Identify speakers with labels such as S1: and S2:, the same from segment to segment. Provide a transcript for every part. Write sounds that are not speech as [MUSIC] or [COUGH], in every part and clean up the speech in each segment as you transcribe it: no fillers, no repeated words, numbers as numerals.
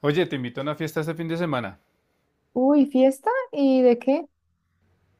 S1: Oye, te invito a una fiesta este fin de semana.
S2: Uy, ¿fiesta? ¿Y de qué?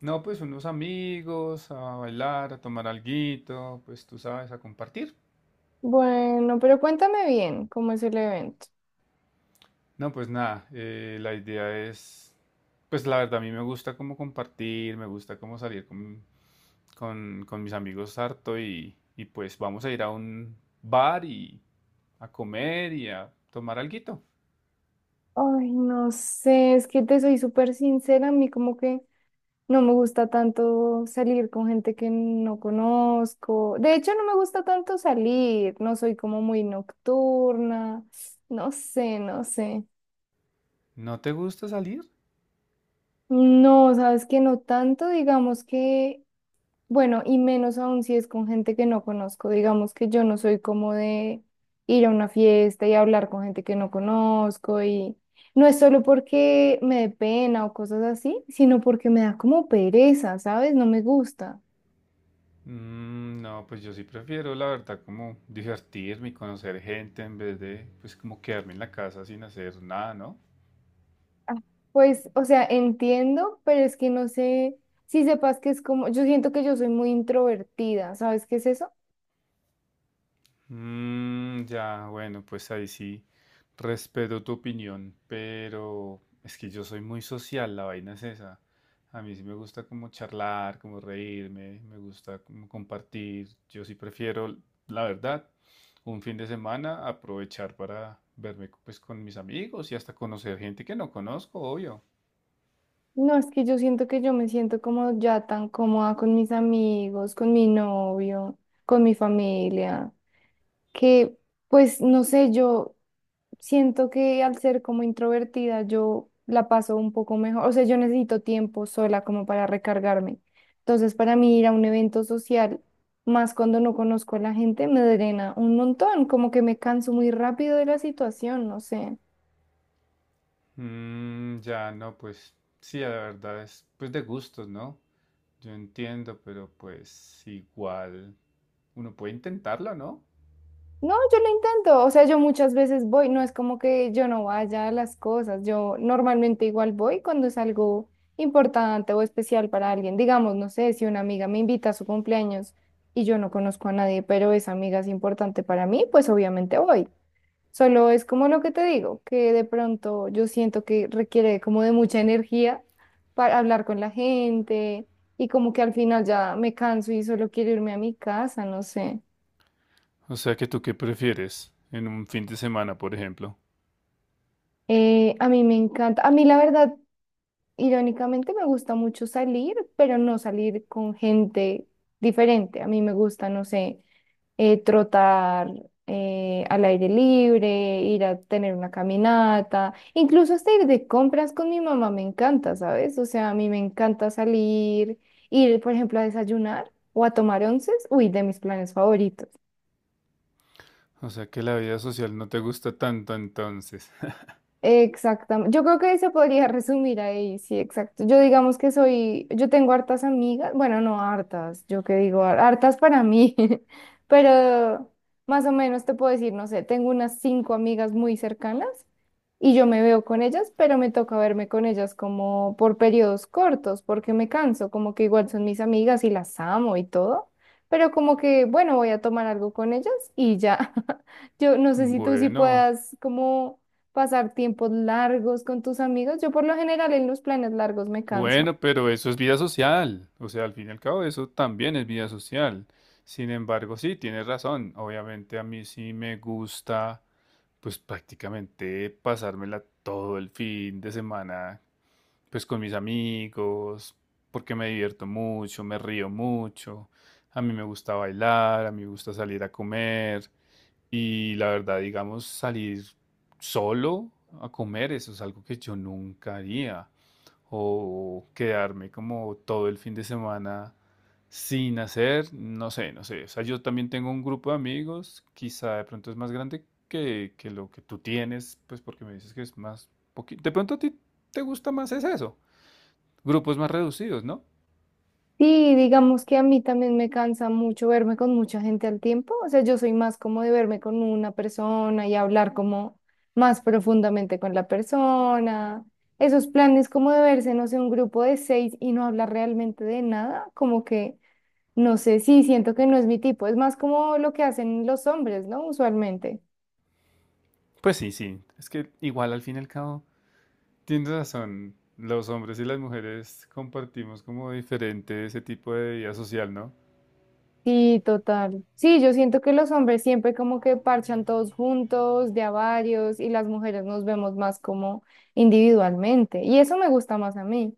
S1: No, pues unos amigos, a bailar, a tomar alguito, pues tú sabes, a compartir.
S2: Bueno, pero cuéntame bien cómo es el evento.
S1: No, pues nada, la idea es, pues la verdad a mí me gusta como compartir, me gusta como salir con mis amigos harto y pues vamos a ir a un bar y a comer y a tomar alguito.
S2: Ay, no sé, es que te soy súper sincera, a mí como que no me gusta tanto salir con gente que no conozco. De hecho, no me gusta tanto salir, no soy como muy nocturna, no sé, no sé.
S1: ¿No te gusta salir?
S2: No, sabes que no tanto, digamos que. Bueno, y menos aún si es con gente que no conozco. Digamos que yo no soy como de ir a una fiesta y hablar con gente que no conozco y no es solo porque me dé pena o cosas así, sino porque me da como pereza, ¿sabes? No me gusta.
S1: Mm, no, pues yo sí prefiero, la verdad, como divertirme y conocer gente en vez de, pues, como quedarme en la casa sin hacer nada, ¿no?
S2: Ah, pues, o sea, entiendo, pero es que no sé si sepas que es como, yo siento que yo soy muy introvertida, ¿sabes qué es eso?
S1: Mm, ya, bueno, pues ahí sí respeto tu opinión, pero es que yo soy muy social, la vaina es esa. A mí sí me gusta como charlar, como reírme, me gusta como compartir. Yo sí prefiero, la verdad, un fin de semana aprovechar para verme, pues, con mis amigos y hasta conocer gente que no conozco, obvio.
S2: No, es que yo siento que yo me siento como ya tan cómoda con mis amigos, con mi novio, con mi familia, que pues no sé, yo siento que al ser como introvertida yo la paso un poco mejor, o sea, yo necesito tiempo sola como para recargarme. Entonces, para mí ir a un evento social, más cuando no conozco a la gente, me drena un montón, como que me canso muy rápido de la situación, no sé.
S1: Mm, ya, no, pues sí, la verdad es pues de gustos, ¿no? Yo entiendo, pero pues igual uno puede intentarlo, ¿no?
S2: No, yo lo intento, o sea, yo muchas veces voy, no es como que yo no vaya a las cosas, yo normalmente igual voy cuando es algo importante o especial para alguien, digamos, no sé, si una amiga me invita a su cumpleaños y yo no conozco a nadie, pero esa amiga es importante para mí, pues obviamente voy. Solo es como lo que te digo, que de pronto yo siento que requiere como de mucha energía para hablar con la gente y como que al final ya me canso y solo quiero irme a mi casa, no sé.
S1: O sea que tú qué prefieres en un fin de semana, por ejemplo.
S2: A mí me encanta, a mí la verdad, irónicamente me gusta mucho salir, pero no salir con gente diferente. A mí me gusta, no sé, trotar, al aire libre, ir a tener una caminata, incluso hasta ir de compras con mi mamá me encanta, ¿sabes? O sea, a mí me encanta salir, ir, por ejemplo, a desayunar o a tomar onces, uy, de mis planes favoritos.
S1: O sea que la vida social no te gusta tanto entonces. [LAUGHS]
S2: Exactamente. Yo creo que se podría resumir ahí, sí, exacto. Yo digamos que soy, yo tengo hartas amigas, bueno, no hartas, yo que digo, hartas para mí, [LAUGHS] pero más o menos te puedo decir, no sé, tengo unas cinco amigas muy cercanas y yo me veo con ellas, pero me toca verme con ellas como por periodos cortos, porque me canso, como que igual son mis amigas y las amo y todo, pero como que, bueno, voy a tomar algo con ellas y ya. [LAUGHS] Yo no sé si tú sí
S1: Bueno,
S2: puedas como pasar tiempos largos con tus amigos. Yo por lo general en los planes largos me canso.
S1: Bueno, pero eso es vida social. O sea, al fin y al cabo, eso también es vida social. Sin embargo, sí, tienes razón. Obviamente a mí sí me gusta, pues prácticamente pasármela todo el fin de semana, pues con mis amigos, porque me divierto mucho, me río mucho. A mí me gusta bailar, a mí me gusta salir a comer. Y la verdad, digamos, salir solo a comer, eso es algo que yo nunca haría o quedarme como todo el fin de semana sin hacer, no sé, no sé. O sea, yo también tengo un grupo de amigos, quizá de pronto es más grande que lo que tú tienes, pues porque me dices que es más poquito. De pronto a ti te gusta más es eso, grupos más reducidos, ¿no?
S2: Sí, digamos que a mí también me cansa mucho verme con mucha gente al tiempo. O sea, yo soy más como de verme con una persona y hablar como más profundamente con la persona. Esos planes como de verse, no sé, un grupo de seis y no hablar realmente de nada, como que, no sé, sí, siento que no es mi tipo. Es más como lo que hacen los hombres, ¿no? Usualmente.
S1: Pues sí, sí, es que igual al fin y al cabo tienes razón, los hombres y las mujeres compartimos como diferente ese tipo de vida social, ¿no?
S2: Sí, total. Sí, yo siento que los hombres siempre como que parchan todos juntos, de a varios, y las mujeres nos vemos más como individualmente. Y eso me gusta más a mí.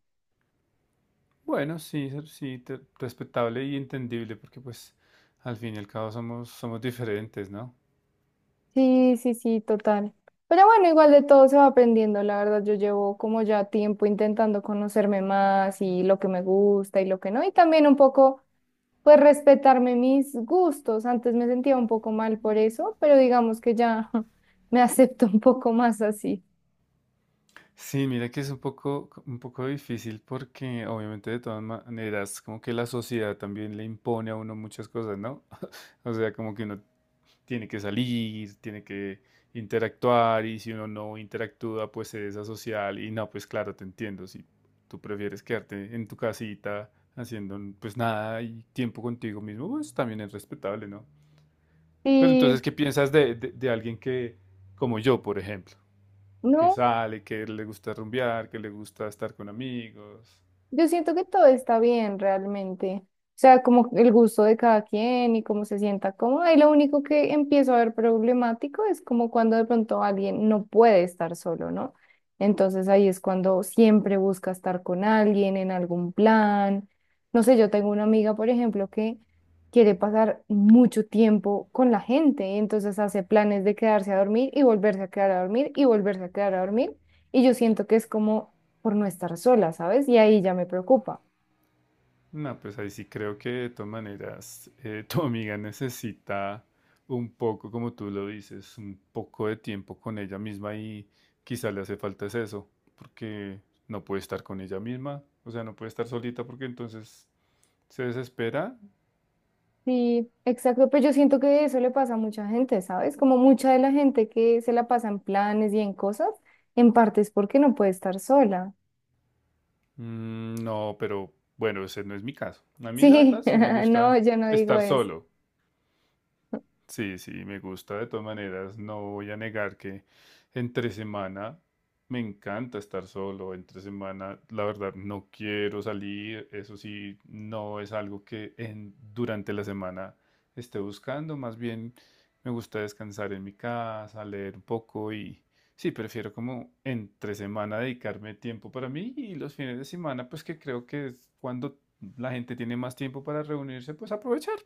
S1: Bueno, sí, respetable y entendible, porque pues al fin y al cabo somos diferentes, ¿no?
S2: Sí, sí, sí, total. Pero bueno, igual de todo se va aprendiendo, la verdad. Yo llevo como ya tiempo intentando conocerme más y lo que me gusta y lo que no. Y también un poco, pues, respetarme mis gustos. Antes me sentía un poco mal por eso, pero digamos que ya [LAUGHS] me acepto un poco más así.
S1: Sí, mira que es un poco difícil porque obviamente de todas maneras como que la sociedad también le impone a uno muchas cosas, ¿no? [LAUGHS] O sea, como que uno tiene que salir, tiene que interactuar y si uno no interactúa pues se desasocial y no, pues claro, te entiendo, si tú prefieres quedarte en tu casita haciendo pues nada y tiempo contigo mismo, pues también es respetable, ¿no? Pero
S2: Sí.
S1: entonces, ¿qué piensas de alguien que, como yo, por ejemplo, que
S2: No,
S1: sale, que le gusta rumbear, que le gusta estar con amigos?
S2: yo siento que todo está bien realmente. O sea, como el gusto de cada quien y cómo se sienta cómoda. Y lo único que empiezo a ver problemático es como cuando de pronto alguien no puede estar solo, ¿no? Entonces ahí es cuando siempre busca estar con alguien en algún plan. No sé, yo tengo una amiga, por ejemplo, que quiere pasar mucho tiempo con la gente y entonces hace planes de quedarse a dormir y volverse a quedar a dormir y volverse a quedar a dormir. Y yo siento que es como por no estar sola, ¿sabes? Y ahí ya me preocupa.
S1: No, pues ahí sí creo que de todas maneras [LAUGHS] tu amiga necesita un poco, como tú lo dices, un poco de tiempo con ella misma y quizá le hace falta es eso, porque no puede estar con ella misma, o sea, no puede estar solita porque entonces se desespera.
S2: Sí, exacto, pero yo siento que eso le pasa a mucha gente, ¿sabes? Como mucha de la gente que se la pasa en planes y en cosas, en parte es porque no puede estar sola.
S1: Mm, no, pero bueno, ese no es mi caso. A mí la
S2: Sí,
S1: verdad sí me
S2: [LAUGHS] no,
S1: gusta
S2: yo no digo
S1: estar
S2: eso.
S1: solo. Sí, sí, me gusta de todas maneras. No voy a negar que entre semana me encanta estar solo. Entre semana, la verdad, no quiero salir. Eso sí, no es algo que durante la semana esté buscando. Más bien, me gusta descansar en mi casa, leer un poco y sí, prefiero como entre semana dedicarme tiempo para mí y los fines de semana, pues que creo que es cuando la gente tiene más tiempo para reunirse, pues aprovechar.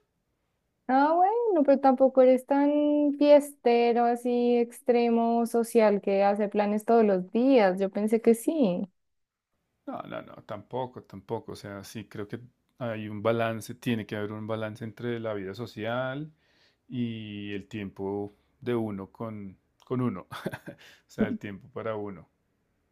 S2: Ah, bueno, pero tampoco eres tan fiestero, así extremo social que hace planes todos los días. Yo pensé que sí.
S1: No, no, no, tampoco, tampoco. O sea, sí, creo que hay un balance, tiene que haber un balance entre la vida social y el tiempo de uno con uno. [LAUGHS] O sea, el tiempo para uno.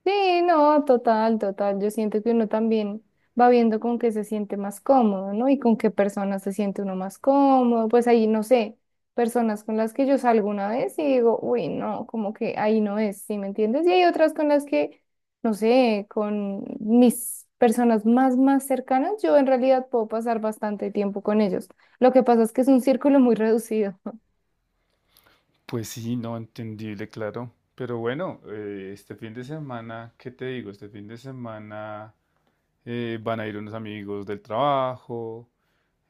S2: Sí, no, total, total. Yo siento que uno también va viendo con qué se siente más cómodo, ¿no? Y con qué personas se siente uno más cómodo. Pues ahí, no sé, personas con las que yo salgo una vez y digo, uy, no, como que ahí no es, ¿sí me entiendes? Y hay otras con las que, no sé, con mis personas más, más cercanas, yo en realidad puedo pasar bastante tiempo con ellos. Lo que pasa es que es un círculo muy reducido.
S1: Pues sí, no, entendible, claro. Pero bueno, este fin de semana, ¿qué te digo? Este fin de semana van a ir unos amigos del trabajo.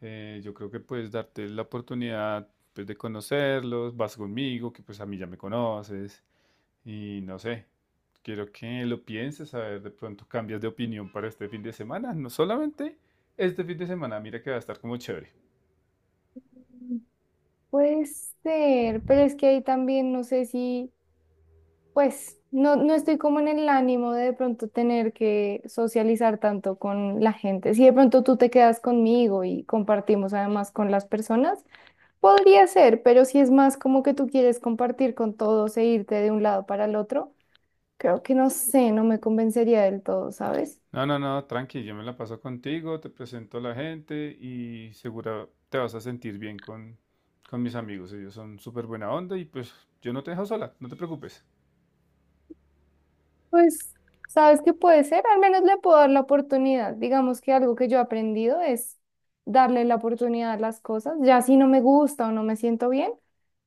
S1: Yo creo que puedes darte la oportunidad pues, de conocerlos. Vas conmigo, que pues a mí ya me conoces. Y no sé, quiero que lo pienses, a ver, de pronto cambias de opinión para este fin de semana, no solamente este fin de semana, mira que va a estar como chévere.
S2: [LAUGHS] Puede ser, pero es que ahí también no sé si... Pues no, no estoy como en el ánimo de pronto tener que socializar tanto con la gente. Si de pronto tú te quedas conmigo y compartimos además con las personas, podría ser, pero si es más como que tú quieres compartir con todos e irte de un lado para el otro, creo que no sé, no me convencería del todo, ¿sabes?
S1: No, no, no, tranqui, yo me la paso contigo, te presento a la gente y segura te vas a sentir bien con mis amigos, ellos son súper buena onda y pues yo no te dejo sola, no te preocupes.
S2: Pues, ¿sabes qué puede ser? Al menos le puedo dar la oportunidad. Digamos que algo que yo he aprendido es darle la oportunidad a las cosas, ya si no me gusta o no me siento bien.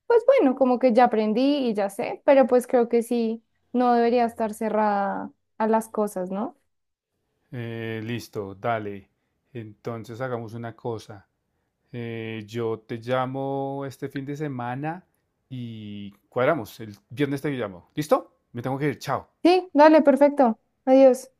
S2: Pues bueno, como que ya aprendí y ya sé, pero pues creo que sí, no debería estar cerrada a las cosas, ¿no?
S1: Listo, dale, entonces hagamos una cosa. Yo te llamo este fin de semana y cuadramos. El viernes te llamo. ¿Listo? Me tengo que ir. Chao.
S2: Sí, dale, perfecto. Adiós.